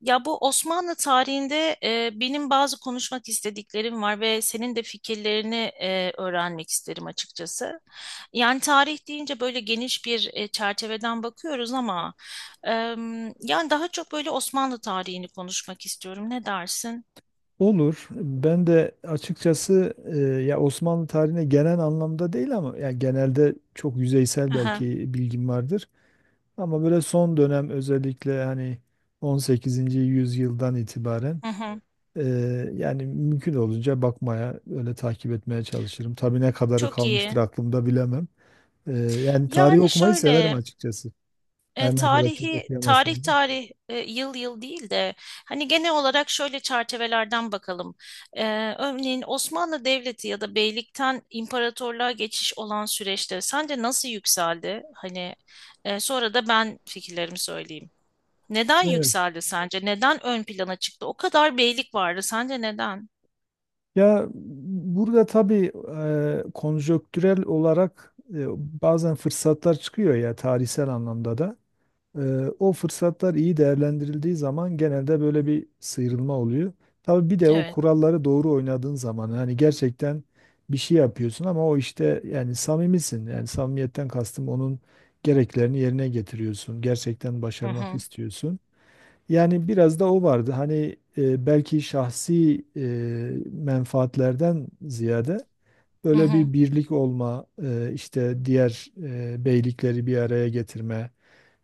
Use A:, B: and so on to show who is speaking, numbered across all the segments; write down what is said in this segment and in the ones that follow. A: Ya bu Osmanlı tarihinde benim bazı konuşmak istediklerim var ve senin de fikirlerini öğrenmek isterim açıkçası. Yani tarih deyince böyle geniş bir çerçeveden bakıyoruz ama e, yani daha çok böyle Osmanlı tarihini konuşmak istiyorum. Ne dersin?
B: Olur. Ben de açıkçası ya Osmanlı tarihine genel anlamda değil ama ya genelde çok yüzeysel
A: Aha,
B: belki bilgim vardır. Ama böyle son dönem özellikle hani 18. yüzyıldan itibaren
A: hı hı.
B: e, yani mümkün olunca bakmaya, öyle takip etmeye çalışırım. Tabii ne kadarı
A: Çok
B: kalmıştır
A: iyi.
B: aklımda bilemem. Yani tarih
A: Yani
B: okumayı severim
A: şöyle.
B: açıkçası. Her ne kadar çok
A: Tarihi tarih
B: okuyamasam da.
A: tarih yıl yıl değil de hani genel olarak şöyle çerçevelerden bakalım. E, Örneğin Osmanlı Devleti ya da beylikten imparatorluğa geçiş olan süreçte sence nasıl yükseldi? Hani sonra da ben fikirlerimi söyleyeyim. Neden
B: Evet.
A: yükseldi sence? Neden ön plana çıktı? O kadar beylik vardı. Sence neden?
B: Ya burada tabii konjonktürel olarak bazen fırsatlar çıkıyor ya tarihsel anlamda da. E, O fırsatlar iyi değerlendirildiği zaman genelde böyle bir sıyrılma oluyor. Tabii bir de o
A: Evet.
B: kuralları doğru oynadığın zaman yani gerçekten bir şey yapıyorsun ama o işte yani samimisin. Yani samimiyetten kastım onun gereklerini yerine getiriyorsun. Gerçekten
A: Hı
B: başarmak
A: hı.
B: istiyorsun. Yani biraz da o vardı. Hani belki şahsi menfaatlerden ziyade
A: Hı
B: böyle
A: hı.
B: bir birlik olma, işte diğer beylikleri bir araya getirme,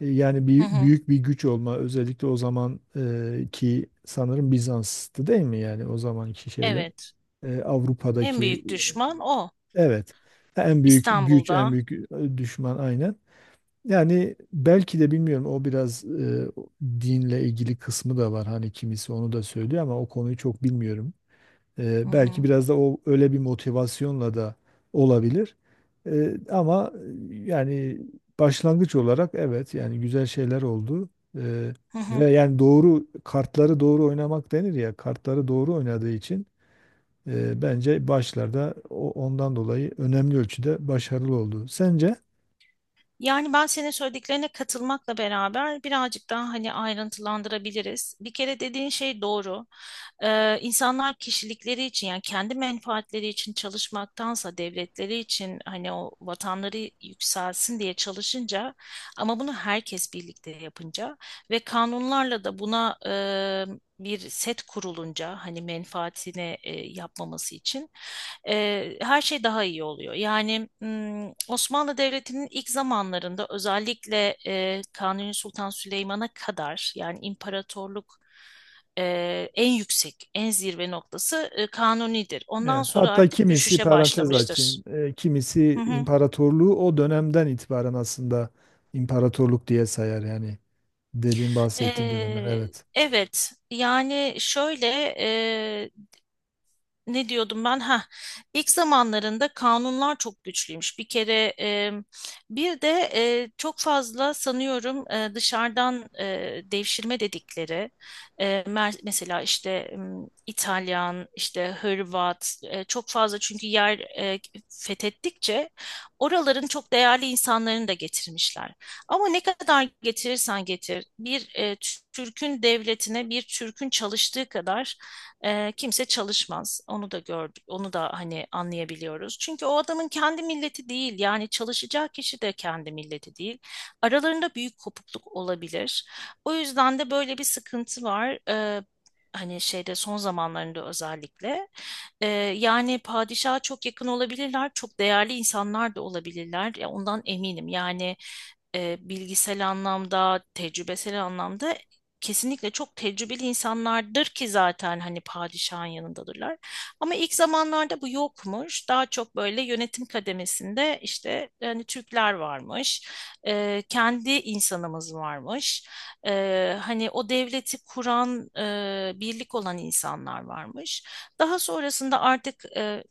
B: yani
A: Hı
B: bir,
A: hı.
B: büyük bir güç olma. Özellikle o zaman ki sanırım Bizans'tı değil mi? Yani o zamanki şeyler.
A: Evet. En
B: Avrupa'daki
A: büyük düşman o.
B: evet en büyük güç, en
A: İstanbul'da.
B: büyük düşman aynen. Yani belki de bilmiyorum o biraz dinle ilgili kısmı da var. Hani kimisi onu da söylüyor ama o konuyu çok bilmiyorum.
A: Hı
B: Belki
A: hı.
B: biraz da o öyle bir motivasyonla da olabilir. E, ama yani başlangıç olarak evet yani güzel şeyler oldu. E,
A: Hı hı.
B: Ve yani doğru kartları doğru oynamak denir ya kartları doğru oynadığı için bence başlarda o, ondan dolayı önemli ölçüde başarılı oldu. Sence?
A: Yani ben senin söylediklerine katılmakla beraber birazcık daha hani ayrıntılandırabiliriz. Bir kere dediğin şey doğru. İnsanlar kişilikleri için yani kendi menfaatleri için çalışmaktansa devletleri için hani o vatanları yükselsin diye çalışınca ama bunu herkes birlikte yapınca ve kanunlarla da buna bir set kurulunca hani menfaatine yapmaması için her şey daha iyi oluyor. Yani Osmanlı Devleti'nin ilk zamanlarında özellikle Kanuni Sultan Süleyman'a kadar yani imparatorluk en yüksek, en zirve noktası Kanuni'dir. Ondan
B: Evet,
A: sonra
B: hatta
A: artık
B: kimisi
A: düşüşe
B: parantez
A: başlamıştır.
B: açayım,
A: Hı
B: kimisi
A: hı.
B: imparatorluğu o dönemden itibaren aslında imparatorluk diye sayar yani dediğim bahsettiğim dönemden. Evet,
A: Evet, yani şöyle ne diyordum ben? Ha, ilk zamanlarında kanunlar çok güçlüymüş. Bir kere bir de çok fazla sanıyorum dışarıdan devşirme dedikleri mesela işte İtalyan, işte Hırvat çok fazla çünkü yer fethettikçe oraların çok değerli insanlarını da getirmişler. Ama ne kadar getirirsen getir bir Türk'ün devletine bir Türk'ün çalıştığı kadar kimse çalışmaz. Onu da gördük. Onu da hani anlayabiliyoruz. Çünkü o adamın kendi milleti değil. Yani çalışacağı kişi de kendi milleti değil. Aralarında büyük kopukluk olabilir. O yüzden de böyle bir sıkıntı var. Hani şeyde son zamanlarında özellikle. Ee, Yani padişaha çok yakın olabilirler. Çok değerli insanlar da olabilirler. Ya ondan eminim. Yani bilgisel anlamda, tecrübesel anlamda kesinlikle çok tecrübeli insanlardır ki zaten hani padişahın yanındadırlar. Ama ilk zamanlarda bu yokmuş. Daha çok böyle yönetim kademesinde işte hani Türkler varmış, kendi insanımız varmış, hani o devleti kuran, birlik olan insanlar varmış. Daha sonrasında artık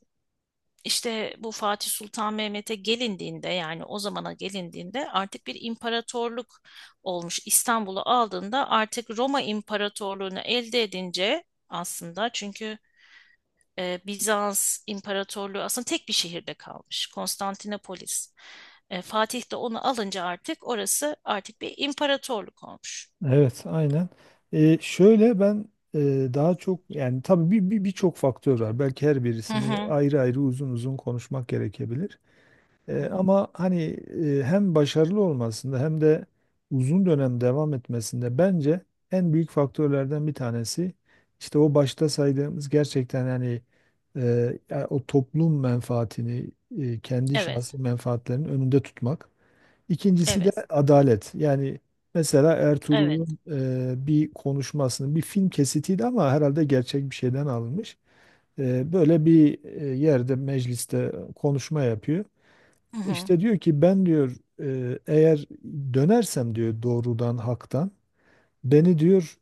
A: işte bu Fatih Sultan Mehmet'e gelindiğinde yani o zamana gelindiğinde artık bir imparatorluk olmuş. İstanbul'u aldığında artık Roma İmparatorluğunu elde edince aslında çünkü Bizans İmparatorluğu aslında tek bir şehirde kalmış. Konstantinopolis. Fatih de onu alınca artık orası artık bir imparatorluk olmuş.
B: evet, aynen. Şöyle ben daha çok yani tabii bir birçok faktör var. Belki her
A: Hı
B: birisini
A: hı.
B: ayrı ayrı uzun uzun konuşmak gerekebilir.
A: Hı hı.
B: Ama hani hem başarılı olmasında hem de uzun dönem devam etmesinde bence en büyük faktörlerden bir tanesi işte o başta saydığımız gerçekten yani ya o toplum menfaatini kendi
A: Evet,
B: şahsi menfaatlerinin önünde tutmak. İkincisi de
A: evet,
B: adalet. Yani mesela
A: evet.
B: Ertuğrul'un bir konuşmasının bir film kesitiydi ama herhalde gerçek bir şeyden alınmış. Böyle bir yerde mecliste konuşma yapıyor.
A: Hı hı.
B: İşte diyor ki ben diyor eğer dönersem diyor doğrudan haktan beni diyor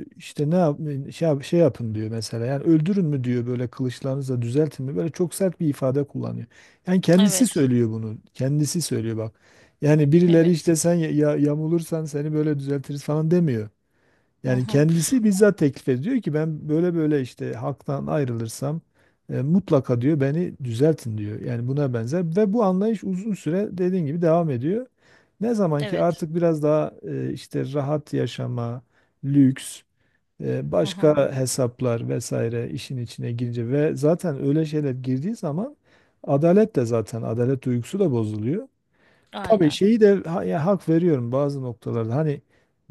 B: işte ne yap, şey, yap- şey yapın diyor mesela yani öldürün mü diyor böyle kılıçlarınızla düzeltin mi böyle çok sert bir ifade kullanıyor. Yani kendisi
A: Evet,
B: söylüyor bunu kendisi söylüyor bak yani birileri
A: evet.
B: işte sen ya, ya- yamulursan seni böyle düzeltiriz falan demiyor.
A: Hı
B: Yani
A: hı.
B: kendisi bizzat teklif ediyor ki ben böyle böyle işte halktan ayrılırsam mutlaka diyor beni düzeltin diyor. Yani buna benzer ve bu anlayış uzun süre dediğin gibi devam ediyor. Ne zaman ki
A: Evet.
B: artık biraz daha işte rahat yaşama, lüks,
A: Hı hı.
B: başka hesaplar vesaire işin içine girince ve zaten öyle şeyler girdiği zaman adalet de zaten adalet duygusu da bozuluyor. Tabii
A: Aynen.
B: şeyi de ha- ya hak veriyorum bazı noktalarda. Hani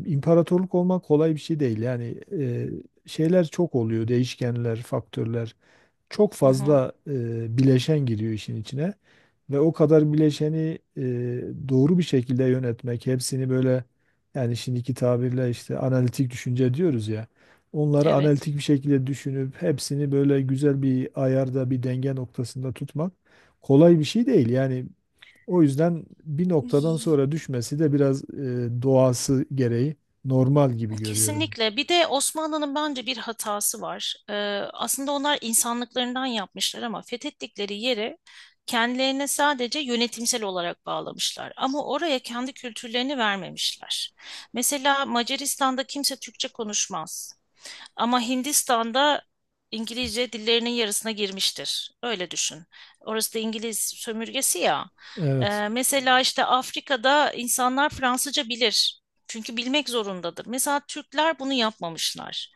B: imparatorluk olmak kolay bir şey değil. Yani şeyler çok oluyor, değişkenler, faktörler. Çok
A: Hı hı.
B: fazla bileşen giriyor işin içine. Ve o kadar bileşeni doğru bir şekilde yönetmek, hepsini böyle yani şimdiki tabirle işte analitik düşünce diyoruz ya. Onları
A: Evet.
B: analitik bir şekilde düşünüp hepsini böyle güzel bir ayarda, bir denge noktasında tutmak kolay bir şey değil. Yani o yüzden bir noktadan sonra
A: Y-
B: düşmesi de biraz doğası gereği normal gibi görüyorum.
A: Kesinlikle. Bir de Osmanlı'nın bence bir hatası var. Aslında onlar insanlıklarından yapmışlar ama fethettikleri yeri kendilerine sadece yönetimsel olarak bağlamışlar. Ama oraya kendi kültürlerini vermemişler. Mesela Macaristan'da kimse Türkçe konuşmaz. Ama Hindistan'da İngilizce dillerinin yarısına girmiştir. Öyle düşün. Orası da İngiliz sömürgesi ya.
B: Evet,
A: Mesela işte Afrika'da insanlar Fransızca bilir. Çünkü bilmek zorundadır. Mesela Türkler bunu yapmamışlar.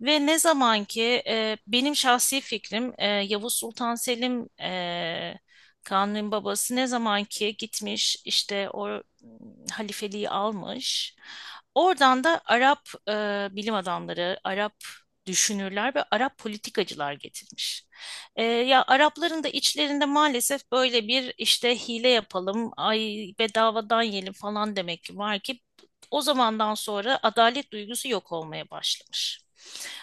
A: Ve ne zaman ki benim şahsi fikrim Yavuz Sultan Selim Kanuni'nin babası ne zaman ki gitmiş işte o halifeliği almış. Oradan da Arap bilim adamları, Arap düşünürler ve Arap politikacılar getirmiş. Ya Arapların da içlerinde maalesef böyle bir işte hile yapalım, ay bedavadan yiyelim falan demek ki var ki o zamandan sonra adalet duygusu yok olmaya başlamış.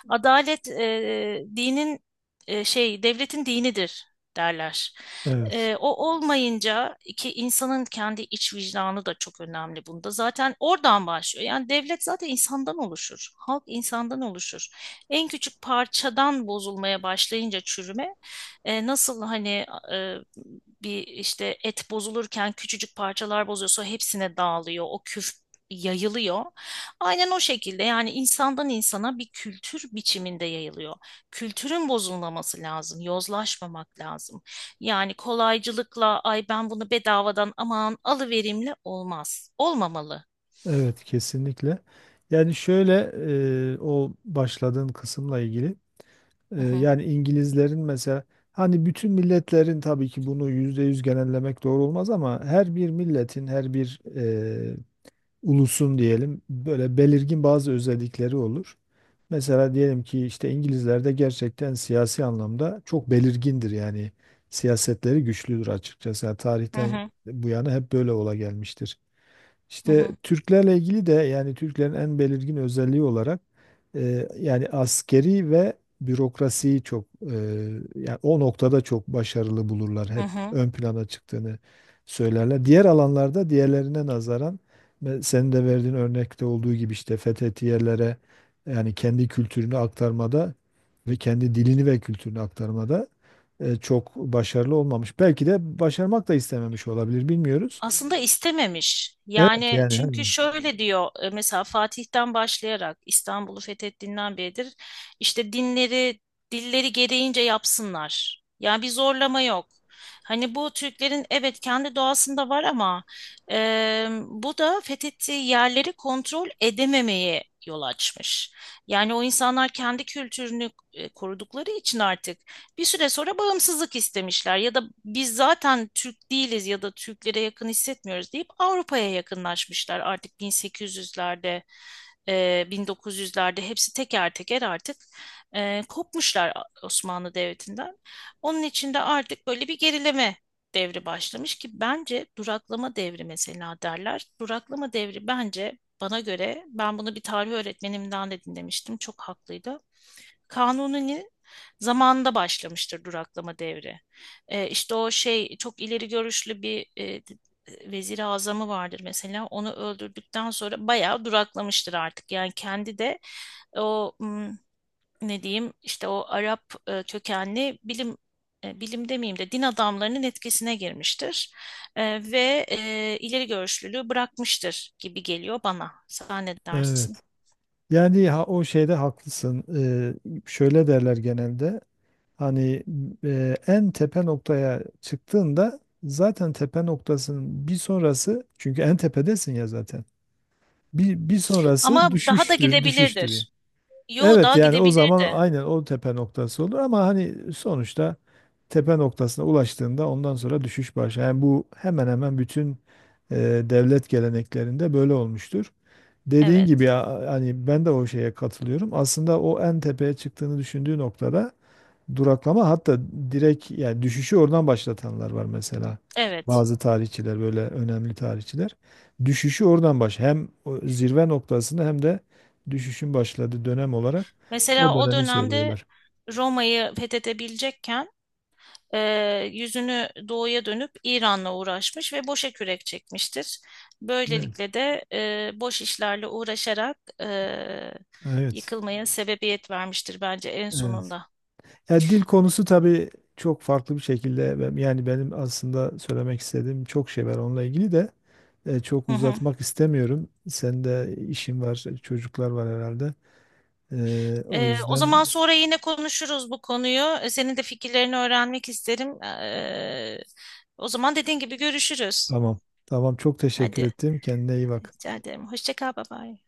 A: Adalet dinin devletin dinidir derler.
B: evet,
A: O olmayınca ki insanın kendi iç vicdanı da çok önemli bunda. Zaten oradan başlıyor. Yani devlet zaten insandan oluşur. Halk insandan oluşur. En küçük parçadan bozulmaya başlayınca çürüme nasıl hani e, bir işte et bozulurken küçücük parçalar bozuyorsa hepsine dağılıyor. O küf yayılıyor. Aynen o şekilde yani insandan insana bir kültür biçiminde yayılıyor. Kültürün bozulmaması lazım, yozlaşmamak lazım. Yani kolaycılıkla ay ben bunu bedavadan aman alıverimle olmaz. Olmamalı.
B: evet kesinlikle. Yani şöyle o başladığın kısımla ilgili
A: Hı hı.
B: yani İngilizlerin mesela hani bütün milletlerin tabii ki bunu yüzde yüz genellemek doğru olmaz ama her bir milletin her bir ulusun diyelim böyle belirgin bazı özellikleri olur. Mesela diyelim ki işte İngilizler de gerçekten siyasi anlamda çok belirgindir yani siyasetleri güçlüdür açıkçası. Yani
A: Hı
B: tarihten
A: hı.
B: bu yana hep böyle ola gelmiştir.
A: Hı
B: İşte
A: hı.
B: Türklerle ilgili de yani Türklerin en belirgin özelliği olarak yani askeri ve bürokrasiyi çok yani o noktada çok başarılı bulurlar.
A: Hı
B: Hep
A: hı.
B: ön plana çıktığını söylerler. Diğer alanlarda diğerlerine nazaran ve senin de verdiğin örnekte olduğu gibi işte fethetiyelere yani kendi kültürünü aktarmada ve kendi dilini ve kültürünü aktarmada çok başarılı olmamış. Belki de başarmak da istememiş olabilir bilmiyoruz.
A: Aslında istememiş.
B: Evet
A: Yani
B: yani hani.
A: çünkü şöyle diyor mesela Fatih'ten başlayarak İstanbul'u fethettiğinden beridir işte dinleri dilleri gereğince yapsınlar. Yani bir zorlama yok. Hani bu Türklerin evet kendi doğasında var ama bu da fethettiği yerleri kontrol edememeye yol açmış. Yani o insanlar kendi kültürünü korudukları için artık bir süre sonra bağımsızlık istemişler ya da biz zaten Türk değiliz ya da Türklere yakın hissetmiyoruz deyip Avrupa'ya yakınlaşmışlar. Artık 1800'lerde, 1900'lerde hepsi teker teker artık kopmuşlar Osmanlı Devleti'nden. Onun için de artık böyle bir gerileme devri başlamış ki bence duraklama devri mesela derler. Duraklama devri bence bana göre ben bunu bir tarih öğretmenimden de dinlemiştim. Çok haklıydı. Kanuni'nin zamanında başlamıştır duraklama devri. İşte o şey çok ileri görüşlü bir vezir-i azamı vardır mesela. Onu öldürdükten sonra bayağı duraklamıştır artık. Yani kendi de o ne diyeyim işte o Arap kökenli bilim bilim demeyeyim de din adamlarının etkisine girmiştir. Ve ileri görüşlülüğü bırakmıştır gibi geliyor bana. Sen ne dersin?
B: Evet. Yani ha, o şeyde haklısın. Şöyle derler genelde. Hani en tepe noktaya çıktığında zaten tepe noktasının bir sonrası çünkü en tepedesin ya zaten. Bir
A: Ama
B: sonrası
A: daha da
B: düşüştür.
A: gidebilirdir. Yo
B: Evet
A: daha
B: yani o zaman
A: gidebilirdi.
B: aynen o tepe noktası olur ama hani sonuçta tepe noktasına ulaştığında ondan sonra düşüş başlar. Yani bu hemen hemen bütün e, devlet geleneklerinde böyle olmuştur. Dediğin gibi
A: Evet,
B: ya hani ben de o şeye katılıyorum. Aslında o en tepeye çıktığını düşündüğü noktada duraklama hatta direkt yani düşüşü oradan başlatanlar var mesela.
A: evet.
B: Bazı tarihçiler böyle önemli tarihçiler düşüşü oradan baş hem o zirve noktasını hem de düşüşün başladığı dönem olarak o
A: Mesela o
B: dönemi
A: dönemde
B: söylüyorlar.
A: Roma'yı fethedebilecekken yüzünü doğuya dönüp İran'la uğraşmış ve boşa kürek çekmiştir.
B: Evet.
A: Böylelikle de boş işlerle uğraşarak
B: Evet.
A: yıkılmaya sebebiyet vermiştir bence en
B: Evet.
A: sonunda.
B: Ya dil konusu tabii çok farklı bir şekilde ben- yani benim aslında söylemek istediğim çok şey var onunla ilgili de çok
A: Hı hı.
B: uzatmak istemiyorum. Senin de işin var, çocuklar var herhalde. O
A: O
B: yüzden
A: zaman sonra yine konuşuruz bu konuyu. Senin de fikirlerini öğrenmek isterim. O zaman dediğin gibi görüşürüz.
B: tamam. Tamam çok teşekkür
A: Hadi,
B: ettim. Kendine iyi bak.
A: rica ederim. Hoşça kal, bye bye.